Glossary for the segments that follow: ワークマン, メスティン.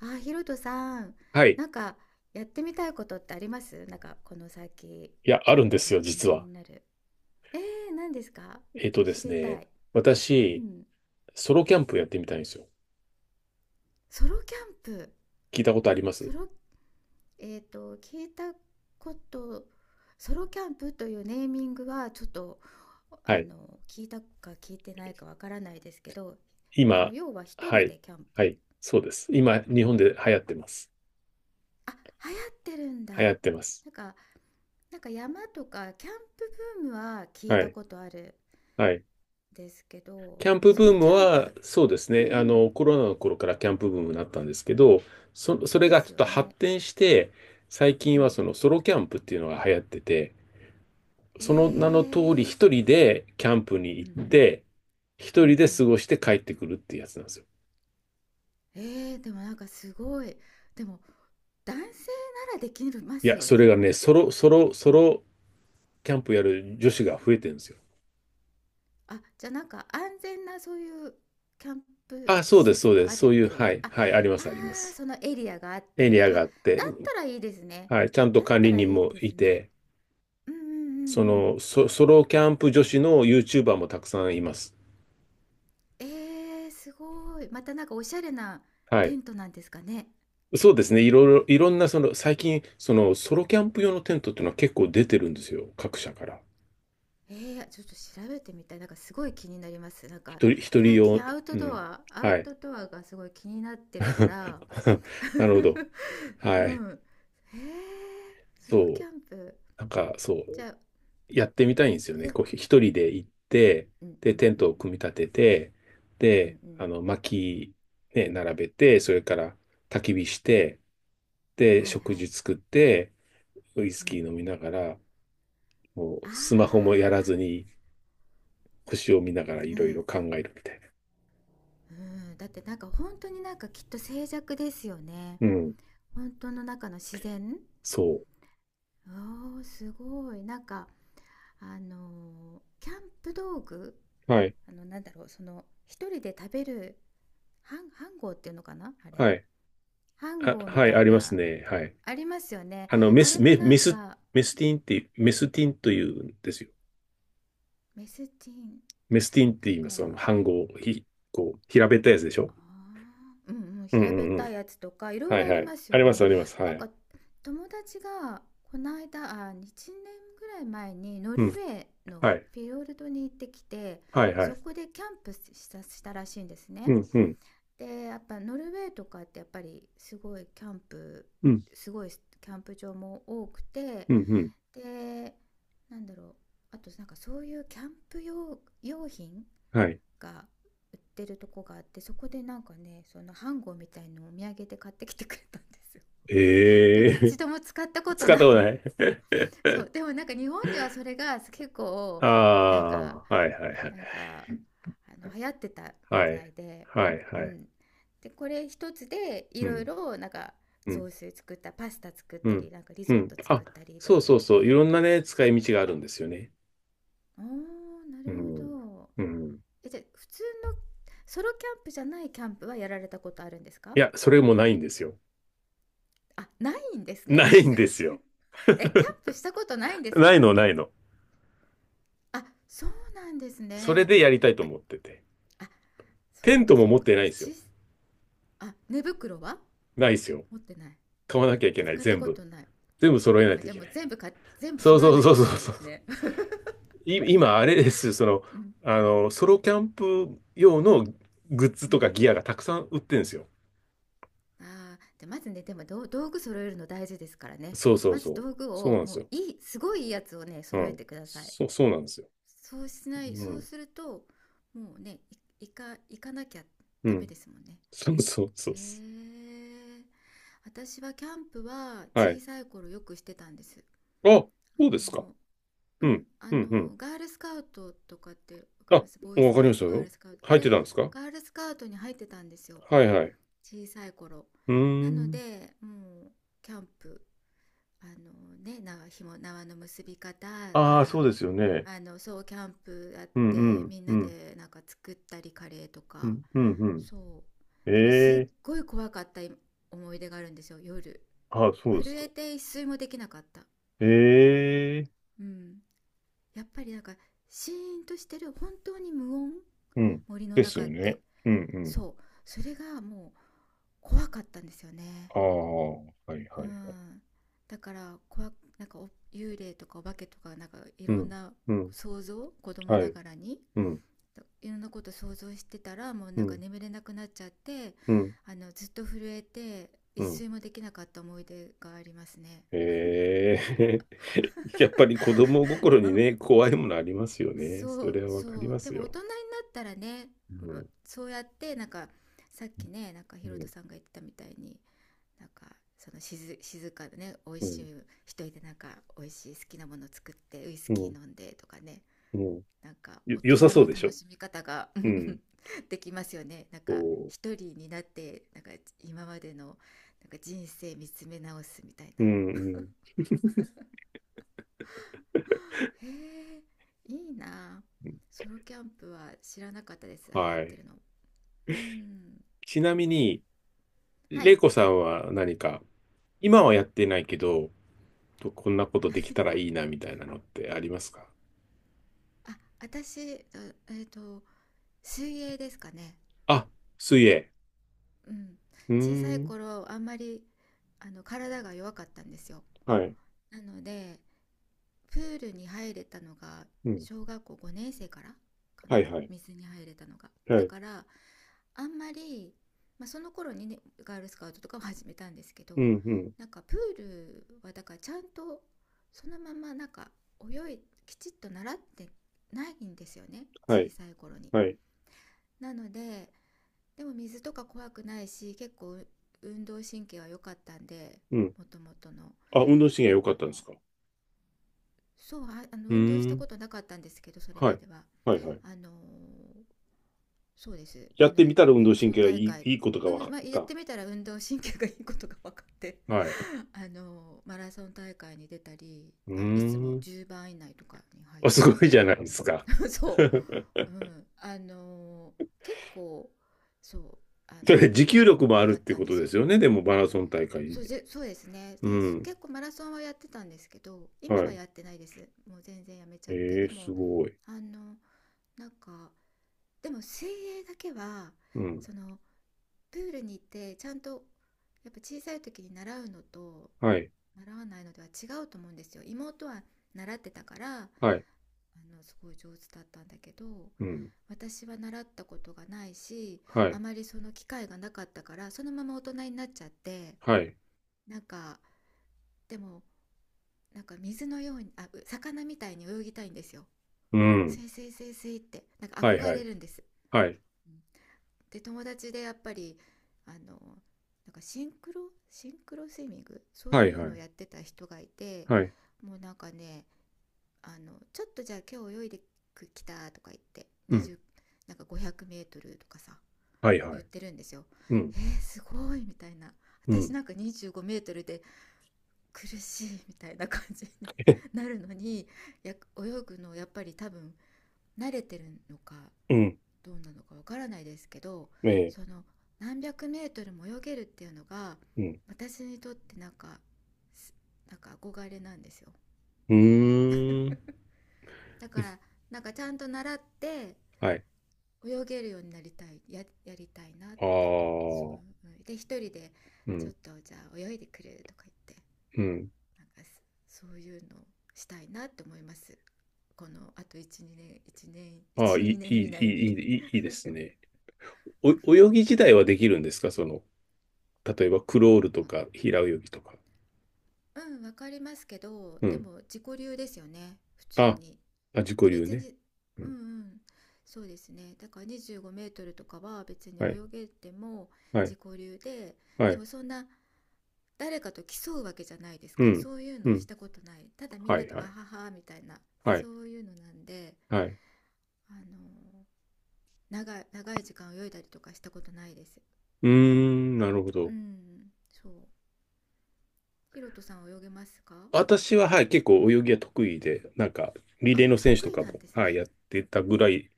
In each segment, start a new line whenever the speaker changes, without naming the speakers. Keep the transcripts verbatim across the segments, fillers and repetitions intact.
あ、ひろとさん、
はい。
なんかやってみたいことってありますなんかこの先、
いや、あ
ちょっ
るんで
と
すよ、
最近
実
気
は。
になる。えー、何ですか？
えっとで
知
す
りた
ね、
い。う
私、
ん。
ソロキャンプやってみたいんですよ。
ソロキャンプ。
聞いたことありま
ソ
す
ロ、えっと、聞いたこと、ソロキャンプというネーミングはちょっと、
は
あ
い。
の、聞いたか聞いてないかわからないですけど、あの、
今、
要は一
は
人
い。
でキャン
は
プ。
い。そうです。今、日本で流行ってます。
あ、流行ってるんだ。
流行っ
な
てます。
んか、なんか山とかキャンプブームは聞い
は
た
い。
ことある。
はい。
ですけど、
キャンプ
ソ
ブー
ロ
ム
キャン
は、
プ、
そうです
うんう
ね。あ
ん、
の、コロナの頃からキャンプブームになったんですけど、そ、それ
で
がち
す
ょっ
よ
と発
ね。
展して、最
う
近は
ん。
そのソロキャンプっていうのが流行ってて、その名
へ
の通り
え、
一人でキャンプに
う
行
ん
っ
うん、
て、
う
一
ん
人
う
で過
ん。
ごして帰ってくるっていうやつなんですよ。
えー、でもなんかすごい。でも、男性ならできま
い
す
や、
よ
それ
ね。
がね、ソロ、ソロ、ソ
うん。
ロキャンプやる女子が増えてるんですよ。
あ、じゃあなんか安全なそういうキャンプ
あ、そう
施
です、そ
設
うで
があ
す。
るっ
そういう、
てい
は
う。
い、
あ、あ
はい、あります、ありま
ー、
す。
そのエリアがあっ
エリ
て、
ア
あ、だ
が
っ
あって、
たらいいですね。
はい、ちゃんと
だっ
管
た
理
ら
人
いい
も
です
い
ね。
て、
うんうんう
そ
んうん。
の、ソ、ソロキャンプ女子の YouTuber もたくさんいます。
えー、すごい。またなんかおしゃれな
は
テ
い。
ントなんですかね。
そうですね。いろいろ、いろんな、その、最近、その、ソロキャンプ用のテントっていうのは結構出てるんですよ。各社から。
えー、ちょっと調べてみたい。なんかすごい気になります。なんか
一人、一人
最
用、
近アウト
う
ド
ん。
ア、アウ
はい。
トドアがすごい気になってるか ら。
なるほど。
う
はい。
ん。えー、ソロキ
そう。
ャンプ。
なんか、そ
じ
う。
ゃあ、
やってみたいんですよね。
そう
こう、ひ一人で行って、
んうん
で、
う
テントを
ん
組み立てて、
うん
で、
うん。
あの、薪、ね、並べて、それから焚き火して、で、
はい
食
は
事
い。
作って、ウイス
う
キー
ん。
飲みながら、もう、
あ
スマホもやらずに、星を見ながらい
ー、う
ろいろ
ん。
考えるみたいな。
うん。だってなんか本当になんかきっと静寂ですよね。
うん。
本当の中の自然。
そ
おーすごいなんかあのーキャンプ道具、
う。はい。
あのなんだろう、その一人で食べるハンハンゴーっていうのかなあれ、
はい。
ハン
あ、
ゴーみ
はい、
たい
あります
な
ね。はい。
ありますよね。
あの、メ
あれ
ス、
も
メ、
な
メ
ん
ス、
か
メスティンっていう、メスティンというんですよ。
メスチン
メスティンって
なん
言います。あの、
か、
半号、ひ、こう、平べったいやつでしょ。
ああ、うんうん、
うん
平べっ
うんう
たい
ん。
やつとか、いろい
は
ろ
い
あ
は
り
い。
ます
あ
よ
ります、
ね。
あります。は
なんか、
い。
友達が、こないだ、あ、いちねんぐらい前に、ノ
う
ル
ん。
ウェー
は
の
い。
フィヨルドに行ってきて、
はいは
そ
い。
こでキャンプしたしたらしいんです
う
ね。
ん、うん、
で、やっぱノルウェーとかってやっぱりすごいキャンプ、
うん、
すごいキャンプ場も多くて、
うん、うん。
で、なんだろう、あとなんかそういうキャンプ用、用品
はい。
が売ってるとこがあって、そこでなんかねそのハンゴみたいのをお土産で買ってきてくれたんですよ。 で
え
も一
え。
度も使った こと
使っ
な
た
い
こと
の。
ない。
そ うでもなんか日本ではそれが結構
あ
なんか、
あ、はいはいはい。
なんかあの流行ってたみ
は
た
い。
いで、
はい
う
はい。
んで、これ一つでい
う
ろい
ん、
ろなんか
う
雑
ん、
炊作った、パスタ作っ
う
た
ん、
り、なんかリ
う
ゾッ
ん。
ト
あ、
作ったりと
そう
か言
そ
っ
うそう。い
て、
ろんなね、使い道があるんですよね。
あーな
う
る
ん、
ほど。
うん。
え、じゃあ普通のソロキャンプじゃないキャンプはやられたことあるんですか？
いや、それもないんですよ。
あ、ないんで す
な
ね。
いんですよ。
え、キャンプしたことないんです
ない
か？
の、ないの。
あ、そうなんです
それ
ね。
でやりたいと
あ
思ってて。
あ、そう
テン
か
トも
そう
持っ
か。
てないん
私
ですよ。
ち、あ、寝袋は？
ないですよ。
持ってない。
買わなきゃいけない、
使った
全
こ
部。
とない。
全部揃えない
あ、
とい
じゃあ
け
も
な
う
い。
全部か全部
そう
揃え
そう
なき
そ
ゃ
う
い
そう
けないで
そう。
すね。
い今、あれです。その、
うん、
あの、ソロキャンプ用のグッズ
う
と
ん。
かギアがたくさん売ってるんですよ。
ああ、じゃあまずね、でもどう道具揃えるの大事ですからね。
そうそう
ま
そ
ず
う。
道具
そうな
を
んで
も
す
う
よ。
いい、すごいいいやつをね、
う
揃え
ん。
てください。
そう、そうなんですよ。
そうしない
う
そう
ん。
すると、もうね、い行か行かなきゃ
う
ダメ
ん。
ですもんね。
そうそうそう
へ
そ
え。私はキャンプは
う。は
小
い。
さい頃よくしてたんです。
あ、そうで
あ
すか。
の、う
う
ん、
ん。
あ
うん、うん。
の、ガールスカウトとかってわ
あ、
かります？ボーイス
わか
カ
り
ウ
ました
ト、ガール
よ。
スカウト。あ
入っ
れ、
てたんですか？
ガールスカウトに入ってたんですよ。
はいはい。
小さい頃。
うー
なの
ん。
で、もう、キャンプ、あのね、縄、紐、縄の結び方か
ああ、そう
ら、
ですよね。
あの、そう、キャンプやっ
うんう
て、
ん、
みん
う
な
ん、
でなんか作ったり、カレーと
う
か、
ん、うん、うん。
そう。
え
でも、すっ
えー。
ごい怖かった思い出があるんですよ、夜。
ああ、そうで
震
すか。
えて一睡もできなかった。
ええー。
うん。やっぱりなんか、シーンとしてる、本当に無音、
うん。
森の
です
中
よ
っ
ね。
て。
うん、うん。
そう。それがもう怖かったんですよね。
ああ、はいはい
う
はい。
ん。だから、怖なんか幽霊とかお化けとか、なんかい
う
ろん
ん、
な
うん、
想像、子供
は
な
い。
がらに、
うん、
いろんなこと想像してたら、もう
う
なんか
ん、
眠れなくなっちゃって、
うん、
あの、ずっと震えて、
う
一
ん。
睡もできなかった思い出がありますね。
ええー。 やっぱり子供心
あ、
にね、怖いものありますよね。
そ
そ
う
れはわ
そ
かりま
う、で
す
も大
よ。
人になったらね、う、
うん、
そうやってなんかさっきねなんか
う
ヒロト
ん、
さんが言ってたみたいに、なんかその静、静かでね、美味
う
しい
ん、
一人でなんか美味しい好きなもの作ってウイス
う
キー
ん、
飲んでとかね、
うん。
なんか
よ、
大
良
人
さ
の
そうでし
楽
ょ。
しみ方が。 うんう
うん。
ん、できますよねなん
そ
か一人になって、なんか今までのなんか人生見つめ直すみたい
う。う
な。
ん、うん。
へえ、いいな。
うん。
ソロキャンプは知らなかったです、流行
は
って
い。
るの。うん、
ちなみに、
は
レイ
い。
コさんは何か、今はやってないけど、とこんなことできたらいい なみたいなのってありますか？
あ、私あえっ、と水泳ですかね。
あ、水泳。
うん、
う
小さい
ーん。
頃あんまりあの体が弱かったんですよ。
はい。
なので、プールに入れたのが
うん。
小学校ごねん生からか
は
な、
いはい。
水に入れたのが。
は
だ
い。
からあんまり、まあ、その頃にねガールスカウトとかも始めたんですけど、
うん、うん。
なんかプールはだからちゃんとそのままなんか泳いきちっと習ってないんですよね、
は
小
い。
さい頃に。
はい。
なので、でも水とか怖くないし、結構運動神経は良かったんで、
うん。
もともとの。
あ、運動神経
あ
良かったんです
の
か？
そう、あ、あの
う
運動し
ー
た
ん。
ことなかったんですけど、それ
は
ま
い。
では。
はいはい。
あのーそうです。
や
あ
っ
の、
てみたら運
マ
動
ラソ
神
ン
経がい
大
い、
会、
いいことが分
うん、
か
まあ、
っ
やっ
た。
てみたら運動神経がいいことが分かって、
はい。
あのマラソン大会に出たり、
うー
あ、いつも
ん。
じゅうばん以内とかに入っ
あ、す
たり
ご
と
いじゃ
か。
ないですか。
そう。うん。あの結構、そう、あ
そ
の
れ持久力もあ
良
るっ
かっ
て
たん
こ
で
と
す
です
よ。
よね。でもマラソン大会。
そうじゃ、そうですね。
う
だ結
ん。
構マラソンはやってたんですけど、今
は
は
い。
やってないです。もう全然やめちゃって。
ええ
で
す
も、
ごい。
あのなんか、でも水泳だけは
うん。
その、プールに行ってちゃんと、やっぱ小さい時に習うのと
はい。
習わないのでは違うと思うんですよ。妹は習ってたからあ
はい。
のすごい上手だったんだけど、
うん。
私は習ったことがないし、
は
あ
い。
まりその機会がなかったからそのまま大人になっちゃって、
はい。
なんか、でもなんか水のように、あ魚みたいに泳ぎたいんですよ。
う
ス
ん。
イスイスイスイってなんか
はい
憧
は
れ
い。
るんです。
はい。
うん、で友達でやっぱりあのなんかシンクロシンクロスイミング、そう
はい。
いう
は
のを
い。
やってた人がいて、
はい。
もうなんかね、あのちょっとじゃあ今日泳いできたとか言って
うん。
にじゅうなんかご ぜろ ぜろルとかさ
はいは
言っ
い。
てるんですよ。
うん。
えー、すごいみたいな。
う
私
ん。
なんかに ごルで苦しいみたいな感じになるのに、や泳ぐのやっぱり多分慣れてるのか
うん。
どうなのかわからないですけど、
ええ。
その何百メートルも泳げるっていうのが
うん。
私にとってなんか、なんか憧れなんですよ。
うーん。
だからなんかちゃんと習って
はい。
泳げるようになりたいや、やりたいなっ
あ
て。そ
あ。
うで一人で
う
ちょ
ん。
っとじゃあ泳いでくれるとか言って、
うん。
なんかそういうのをしたいなって思います、このあとじゅうにねんいちねん
ああ、い
12
い、い
年
い、
以内
いい、
に。
いい、いいですね。お、泳ぎ自体はできるんですか？その、例えばクロールとか平泳ぎとか。
うん、わかりますけど、
う
で
ん。
も自己流ですよね、普通
あ、
に。
あ、自己
で、
流
別
ね。
に、
う
うんう
ん。
ん、そうですね。だからにじゅうごメートルとかは別に泳
はい。
げても
は
自
い。
己流で、
は
で
い。
もそんな誰かと競うわけじゃないです
う
か。
ん。
そういう
う
のをし
ん。
たことない、ただみん
は
な
い
と
は
わ
い。
ははみたいな、
はい。
そういうのなんで、
はい。
あの長い、長い時間泳いだりとかしたことないです。
うーん、なるほ
う
ど。
ん、そう。ヒロトさんは泳げますか？
私は、はい、結構泳ぎは得意で、なんか、リ
あ、
レーの選手と
得意
か
なん
も、
です
はい、
ね。
やってたぐらい、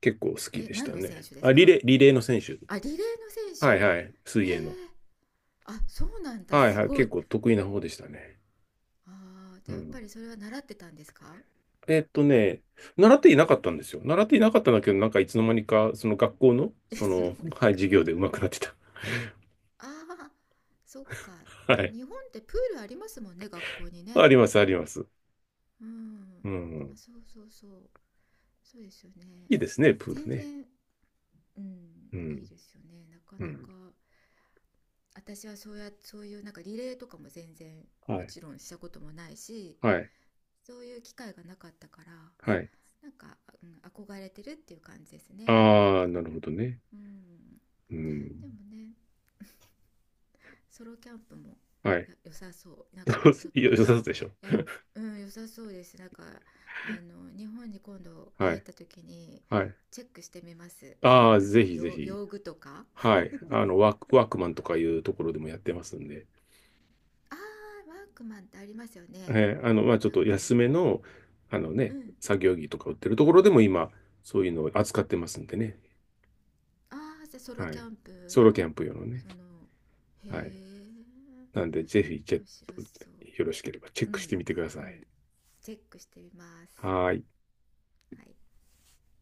結構好き
え、
でし
何
た
の選
ね。
手で
あ、
す
リ
か？
レー、リレーの選手。
あ、リレーの
は
選
いはい、
手。えー、
水泳の。
あ、そうなんだ、
はい
す
はい、
ご
結
い。
構得意な方でしたね。
ああ、じ
う
ゃあやっ
ん。
ぱりそれは習ってたんですか？
えっとね、習っていなかったんですよ。習っていなかったんだけど、なんかいつの間にか、その学校の、
い
そ
つ の
の、
間に
はい、
か。
授業で上手くなってた。
ああ、そっか。じ
は
ゃあ
い。
日本ってプールありますもんね、学校にね。
あります、あります。
う
う
ん。あ、
ん。
そうそうそう。そうですよね。
いいですね、プール
全
ね。
然、うん、
う
いい
ん。
ですよね。なか
う
な
ん。
か。私はそうや、そういうなんかリレーとかも全然
は
も
い。
ちろんしたこともないし、
はい。
そういう機会がなかったから、
はい。
なんか、うん、憧れてるっていう感じですね。なん
ああ、
か、
なるほどね。
うん、
うん。
でもねソロキャンプも
はい。
良さそう、なんかちょっ
よ、
と、
良さそうでしょ。
いや、うん良さそうです、なんかあの日本に今度
は
帰っ
い。
た時に
はい。
チェックしてみます、その
ああ、
なんか
ぜひぜ
用
ひ。
用具とか。
はい。あの、ワーク、ワークマンとかいうところでもやってますんで。
あー、ワークマンってありますよね、
えーあの、まあ、ちょっ
なん
と
か、
安めの、あの
う
ね、
ん。
作業着とか売ってるところでも今、そういうのを扱ってますんでね。
ああじゃあソロ
は
キ
い。
ャンプ
ソロキャ
の、
ンプ用のね。
その、へ
はい。
え
なんで、ぜひ、チェ
面
ッ
白
ク、
そ
よ
う。
ろしければチェ
う
ックし
ん
てみてくだ
う
さい。
ん、チェックしてみます。
はーい。
はい。